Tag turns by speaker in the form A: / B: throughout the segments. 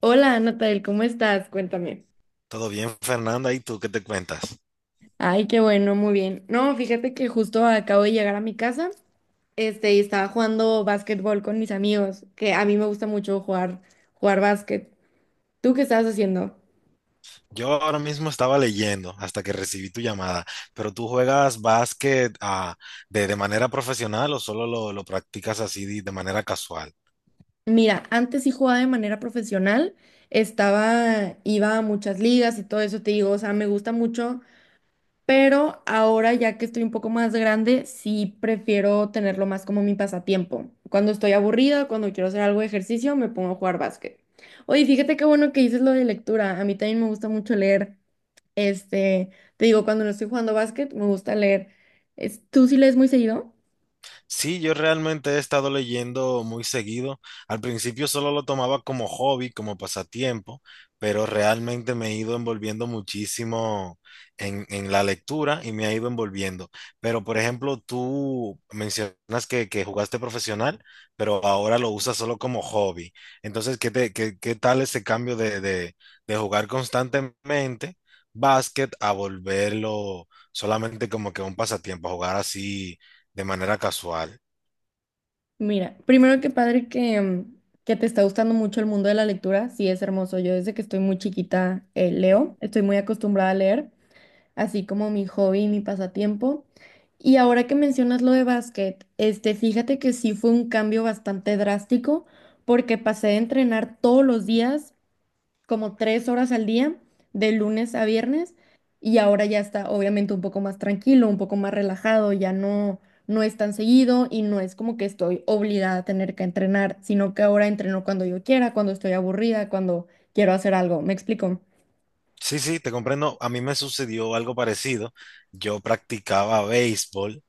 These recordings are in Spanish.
A: Hola, Natal, ¿cómo estás? Cuéntame.
B: Todo bien, Fernanda, ¿y tú qué te cuentas?
A: Ay, qué bueno, muy bien. No, fíjate que justo acabo de llegar a mi casa, y estaba jugando básquetbol con mis amigos, que a mí me gusta mucho jugar básquet. ¿Tú qué estabas haciendo?
B: Yo ahora mismo estaba leyendo hasta que recibí tu llamada, pero ¿tú juegas básquet de manera profesional o solo lo practicas así de manera casual?
A: Mira, antes sí jugaba de manera profesional, iba a muchas ligas y todo eso, te digo, o sea, me gusta mucho pero ahora ya que estoy un poco más grande, sí prefiero tenerlo más como mi pasatiempo. Cuando estoy aburrida, cuando quiero hacer algo de ejercicio, me pongo a jugar básquet. Oye, fíjate qué bueno que dices lo de lectura. A mí también me gusta mucho leer. Este, Te digo, cuando no estoy jugando básquet, me gusta leer. ¿Tú sí lees muy seguido?
B: Sí, yo realmente he estado leyendo muy seguido. Al principio solo lo tomaba como hobby, como pasatiempo, pero realmente me he ido envolviendo muchísimo en la lectura y me ha ido envolviendo. Pero, por ejemplo, tú mencionas que jugaste profesional, pero ahora lo usas solo como hobby. Entonces, ¿qué te, qué, qué tal ese cambio de jugar constantemente básquet a volverlo solamente como que un pasatiempo, a jugar así? De manera casual.
A: Mira, primero que padre que te está gustando mucho el mundo de la lectura. Sí, es hermoso. Yo desde que estoy muy chiquita leo, estoy muy acostumbrada a leer, así como mi hobby y mi pasatiempo. Y ahora que mencionas lo de básquet, fíjate que sí fue un cambio bastante drástico porque pasé de entrenar todos los días, como tres horas al día, de lunes a viernes, y ahora ya está obviamente un poco más tranquilo, un poco más relajado, no es tan seguido y no es como que estoy obligada a tener que entrenar, sino que ahora entreno cuando yo quiera, cuando estoy aburrida, cuando quiero hacer algo. ¿Me explico?
B: Sí, sí, te comprendo. A mí me sucedió algo parecido. Yo practicaba béisbol.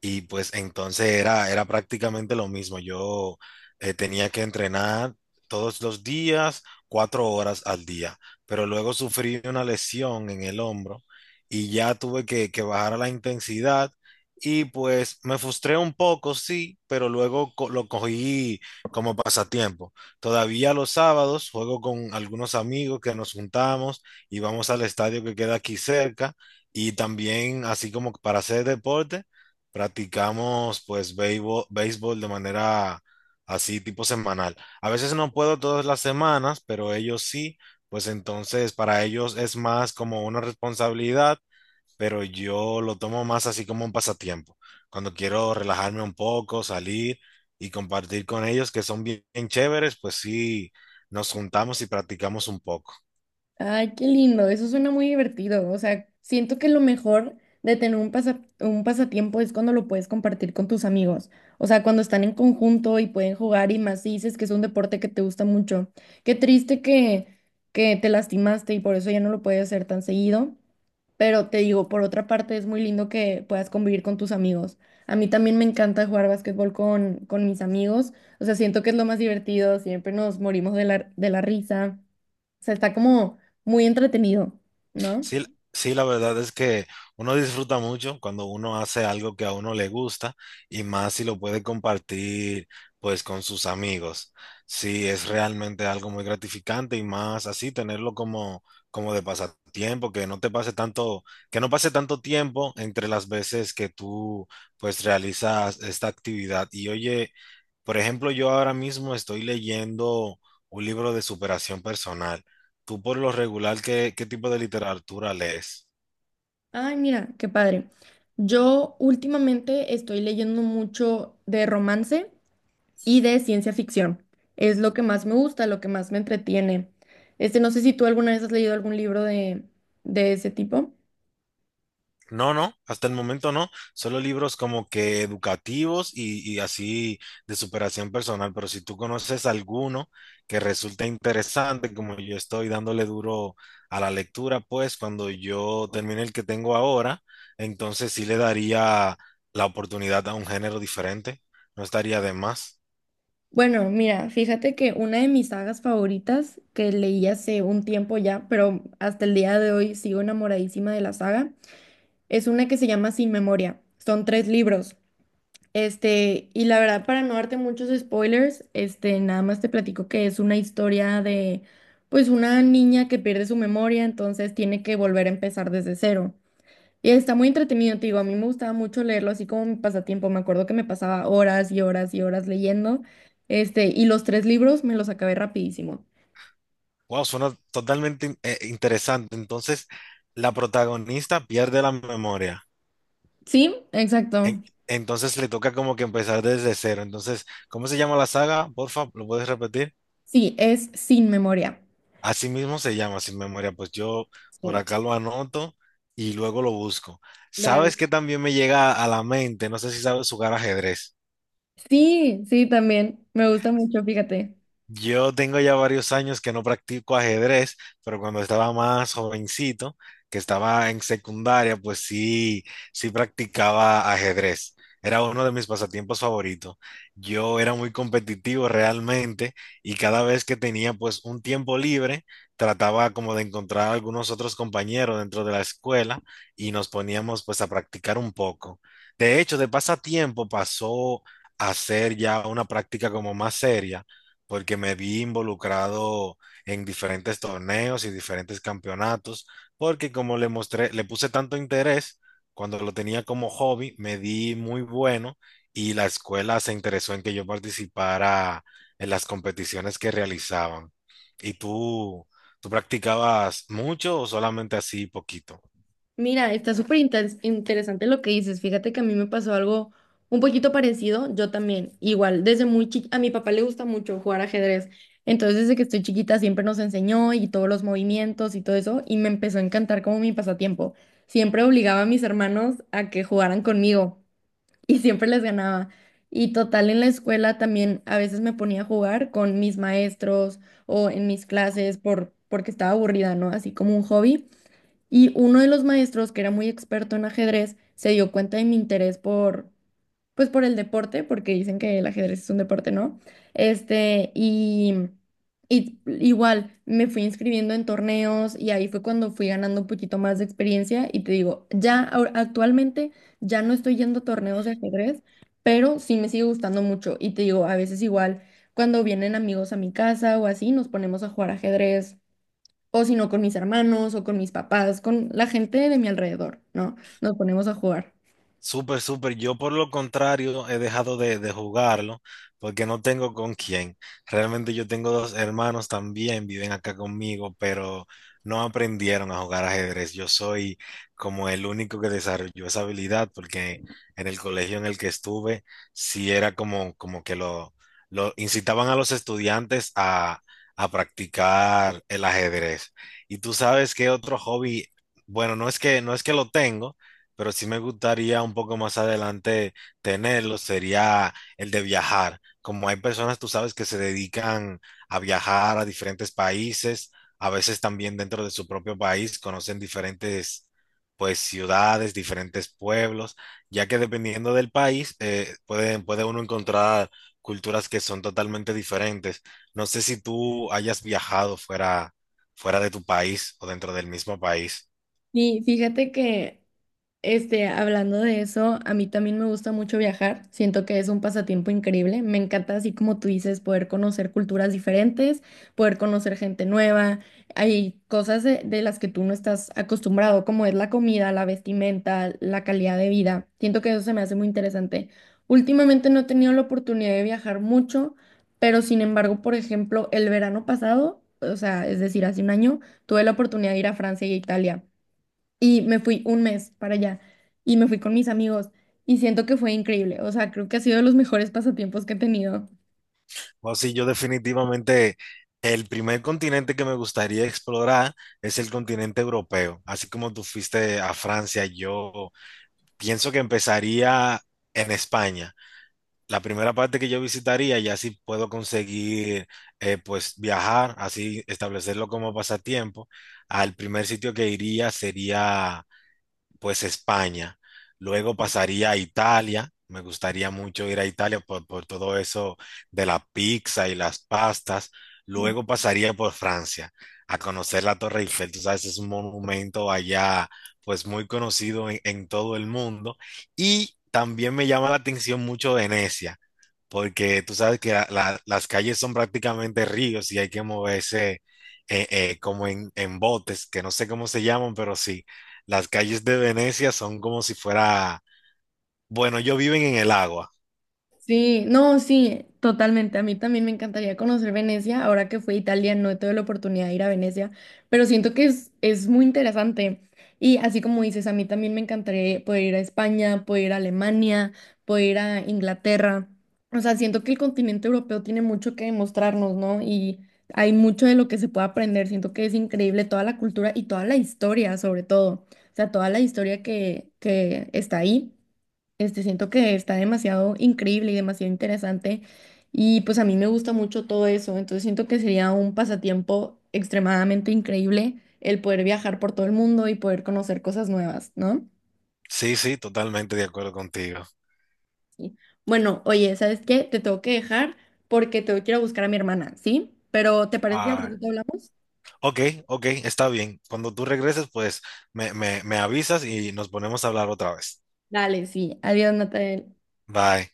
B: Y pues entonces era, era prácticamente lo mismo. Yo tenía que entrenar todos los días, cuatro horas al día, pero luego sufrí una lesión en el hombro y ya tuve que bajar la intensidad y pues me frustré un poco, sí, pero luego lo cogí como pasatiempo. Todavía los sábados juego con algunos amigos que nos juntamos y vamos al estadio que queda aquí cerca y también así como para hacer deporte. Practicamos pues béisbol, béisbol de manera así tipo semanal. A veces no puedo todas las semanas, pero ellos sí, pues entonces para ellos es más como una responsabilidad, pero yo lo tomo más así como un pasatiempo. Cuando quiero relajarme un poco, salir y compartir con ellos que son bien, bien chéveres, pues sí, nos juntamos y practicamos un poco.
A: Ay, qué lindo, eso suena muy divertido. O sea, siento que lo mejor de tener un un pasatiempo es cuando lo puedes compartir con tus amigos. O sea, cuando están en conjunto y pueden jugar y más si dices que es un deporte que te gusta mucho. Qué triste que te lastimaste y por eso ya no lo puedes hacer tan seguido. Pero te digo, por otra parte, es muy lindo que puedas convivir con tus amigos. A mí también me encanta jugar básquetbol con mis amigos. O sea, siento que es lo más divertido. Siempre nos morimos de de la risa. O sea, está como muy entretenido, ¿no?
B: Sí, sí, la verdad es que uno disfruta mucho cuando uno hace algo que a uno le gusta y más si lo puede compartir pues con sus amigos. Sí, es realmente algo muy gratificante y más así tenerlo como como de pasatiempo, que no te pase tanto, que no pase tanto tiempo entre las veces que tú pues realizas esta actividad. Y oye, por ejemplo, yo ahora mismo estoy leyendo un libro de superación personal. ¿Tú por lo regular qué, qué tipo de literatura lees?
A: Ay, mira, qué padre. Yo últimamente estoy leyendo mucho de romance y de ciencia ficción. Es lo que más me gusta, lo que más me entretiene. No sé si tú alguna vez has leído algún libro de ese tipo.
B: No, no, hasta el momento no. Solo libros como que educativos y así de superación personal. Pero si tú conoces alguno que resulte interesante, como yo estoy dándole duro a la lectura, pues cuando yo termine el que tengo ahora, entonces sí le daría la oportunidad a un género diferente. No estaría de más.
A: Bueno, mira, fíjate que una de mis sagas favoritas que leí hace un tiempo ya, pero hasta el día de hoy sigo enamoradísima de la saga, es una que se llama Sin Memoria. Son tres libros. Y la verdad, para no darte muchos spoilers, nada más te platico que es una historia de, pues, una niña que pierde su memoria, entonces tiene que volver a empezar desde cero. Y está muy entretenido, te digo, a mí me gustaba mucho leerlo así como mi pasatiempo, me acuerdo que me pasaba horas y horas y horas leyendo, y los tres libros me los acabé rapidísimo.
B: Wow, suena totalmente interesante. Entonces, la protagonista pierde la memoria.
A: Sí, exacto.
B: En- entonces le toca como que empezar desde cero. Entonces, ¿cómo se llama la saga? Porfa, ¿lo puedes repetir?
A: Sí, es Sin Memoria.
B: Así mismo se llama, Sin Memoria. Pues yo por
A: Sí.
B: acá lo anoto y luego lo busco.
A: Dale.
B: ¿Sabes qué también me llega a la mente? No sé si sabes jugar ajedrez.
A: Sí, sí, también, me gusta mucho, fíjate.
B: Yo tengo ya varios años que no practico ajedrez, pero cuando estaba más jovencito, que estaba en secundaria, pues sí, sí practicaba ajedrez. Era uno de mis pasatiempos favoritos. Yo era muy competitivo realmente y cada vez que tenía pues un tiempo libre, trataba como de encontrar algunos otros compañeros dentro de la escuela y nos poníamos pues a practicar un poco. De hecho, de pasatiempo pasó a ser ya una práctica como más seria porque me vi involucrado en diferentes torneos y diferentes campeonatos, porque como le mostré, le puse tanto interés, cuando lo tenía como hobby, me di muy bueno y la escuela se interesó en que yo participara en las competiciones que realizaban. ¿Y tú practicabas mucho o solamente así poquito?
A: Mira, está súper interesante lo que dices. Fíjate que a mí me pasó algo un poquito parecido. Yo también, igual, desde muy chiquita, a mi papá le gusta mucho jugar ajedrez. Entonces, desde que estoy chiquita siempre nos enseñó y todos los movimientos y todo eso, y me empezó a encantar como mi pasatiempo. Siempre obligaba a mis hermanos a que jugaran conmigo y siempre les ganaba. Y total, en la escuela también a veces me ponía a jugar con mis maestros o en mis clases porque estaba aburrida, ¿no? Así como un hobby. Y uno de los maestros, que era muy experto en ajedrez, se dio cuenta de mi interés pues por el deporte, porque dicen que el ajedrez es un deporte, ¿no? Este, y, y igual me fui inscribiendo en torneos y ahí fue cuando fui ganando un poquito más de experiencia y te digo, ya actualmente ya no estoy yendo a torneos de ajedrez, pero sí me sigue gustando mucho y te digo, a veces igual cuando vienen amigos a mi casa o así, nos ponemos a jugar ajedrez o si no con mis hermanos o con mis papás, con la gente de mi alrededor, ¿no? Nos ponemos a jugar.
B: Súper, súper. Yo por lo contrario he dejado de jugarlo porque no tengo con quién. Realmente yo tengo dos hermanos también, viven acá conmigo, pero no aprendieron a jugar ajedrez. Yo soy como el único que desarrolló esa habilidad porque en el colegio en el que estuve sí era como, como que lo incitaban a los estudiantes a practicar el ajedrez. Y tú sabes qué otro hobby, bueno, no es que, no es que lo tengo pero sí me gustaría un poco más adelante tenerlo, sería el de viajar. Como hay personas, tú sabes, que se dedican a viajar a diferentes países, a veces también dentro de su propio país conocen diferentes, pues, ciudades, diferentes pueblos, ya que dependiendo del país, puede uno encontrar culturas que son totalmente diferentes. No sé si tú hayas viajado fuera, fuera de tu país o dentro del mismo país.
A: Y fíjate que hablando de eso, a mí también me gusta mucho viajar. Siento que es un pasatiempo increíble. Me encanta, así como tú dices, poder conocer culturas diferentes, poder conocer gente nueva. Hay cosas de las que tú no estás acostumbrado, como es la comida, la vestimenta, la calidad de vida. Siento que eso se me hace muy interesante. Últimamente no he tenido la oportunidad de viajar mucho, pero sin embargo, por ejemplo, el verano pasado, o sea, es decir, hace un año, tuve la oportunidad de ir a Francia y a Italia y me fui un mes para allá y me fui con mis amigos y siento que fue increíble, o sea, creo que ha sido de los mejores pasatiempos que he tenido.
B: O sí, yo definitivamente el primer continente que me gustaría explorar es el continente europeo. Así como tú fuiste a Francia, yo pienso que empezaría en España. La primera parte que yo visitaría, y así puedo conseguir, pues viajar, así establecerlo como pasatiempo. Al primer sitio que iría sería pues España. Luego pasaría a Italia. Me gustaría mucho ir a Italia por todo eso de la pizza y las pastas. Luego pasaría por Francia a conocer la Torre Eiffel. Tú sabes, es un monumento allá, pues muy conocido en todo el mundo. Y también me llama la atención mucho Venecia, porque tú sabes que las calles son prácticamente ríos y hay que moverse como en botes, que no sé cómo se llaman, pero sí. Las calles de Venecia son como si fuera, bueno, ellos viven en el agua.
A: Sí, no, sí, totalmente. A mí también me encantaría conocer Venecia. Ahora que fui a Italia, no he tenido la oportunidad de ir a Venecia, pero siento que es muy interesante. Y así como dices, a mí también me encantaría poder ir a España, poder ir a Alemania, poder ir a Inglaterra. O sea, siento que el continente europeo tiene mucho que demostrarnos, ¿no? Y hay mucho de lo que se puede aprender. Siento que es increíble toda la cultura y toda la historia, sobre todo. O sea, toda la historia que está ahí. Siento que está demasiado increíble y demasiado interesante y pues a mí me gusta mucho todo eso, entonces siento que sería un pasatiempo extremadamente increíble el poder viajar por todo el mundo y poder conocer cosas nuevas, ¿no?
B: Sí, sí, totalmente de acuerdo contigo.
A: Sí. Bueno, oye, ¿sabes qué? Te tengo que dejar porque tengo que ir a buscar a mi hermana, ¿sí? Pero ¿te parece si al
B: Ah,
A: ratito hablamos?
B: ok, ok, está bien. Cuando tú regreses, pues me avisas y nos ponemos a hablar otra vez.
A: Dale, sí. Adiós, Natalia.
B: Bye.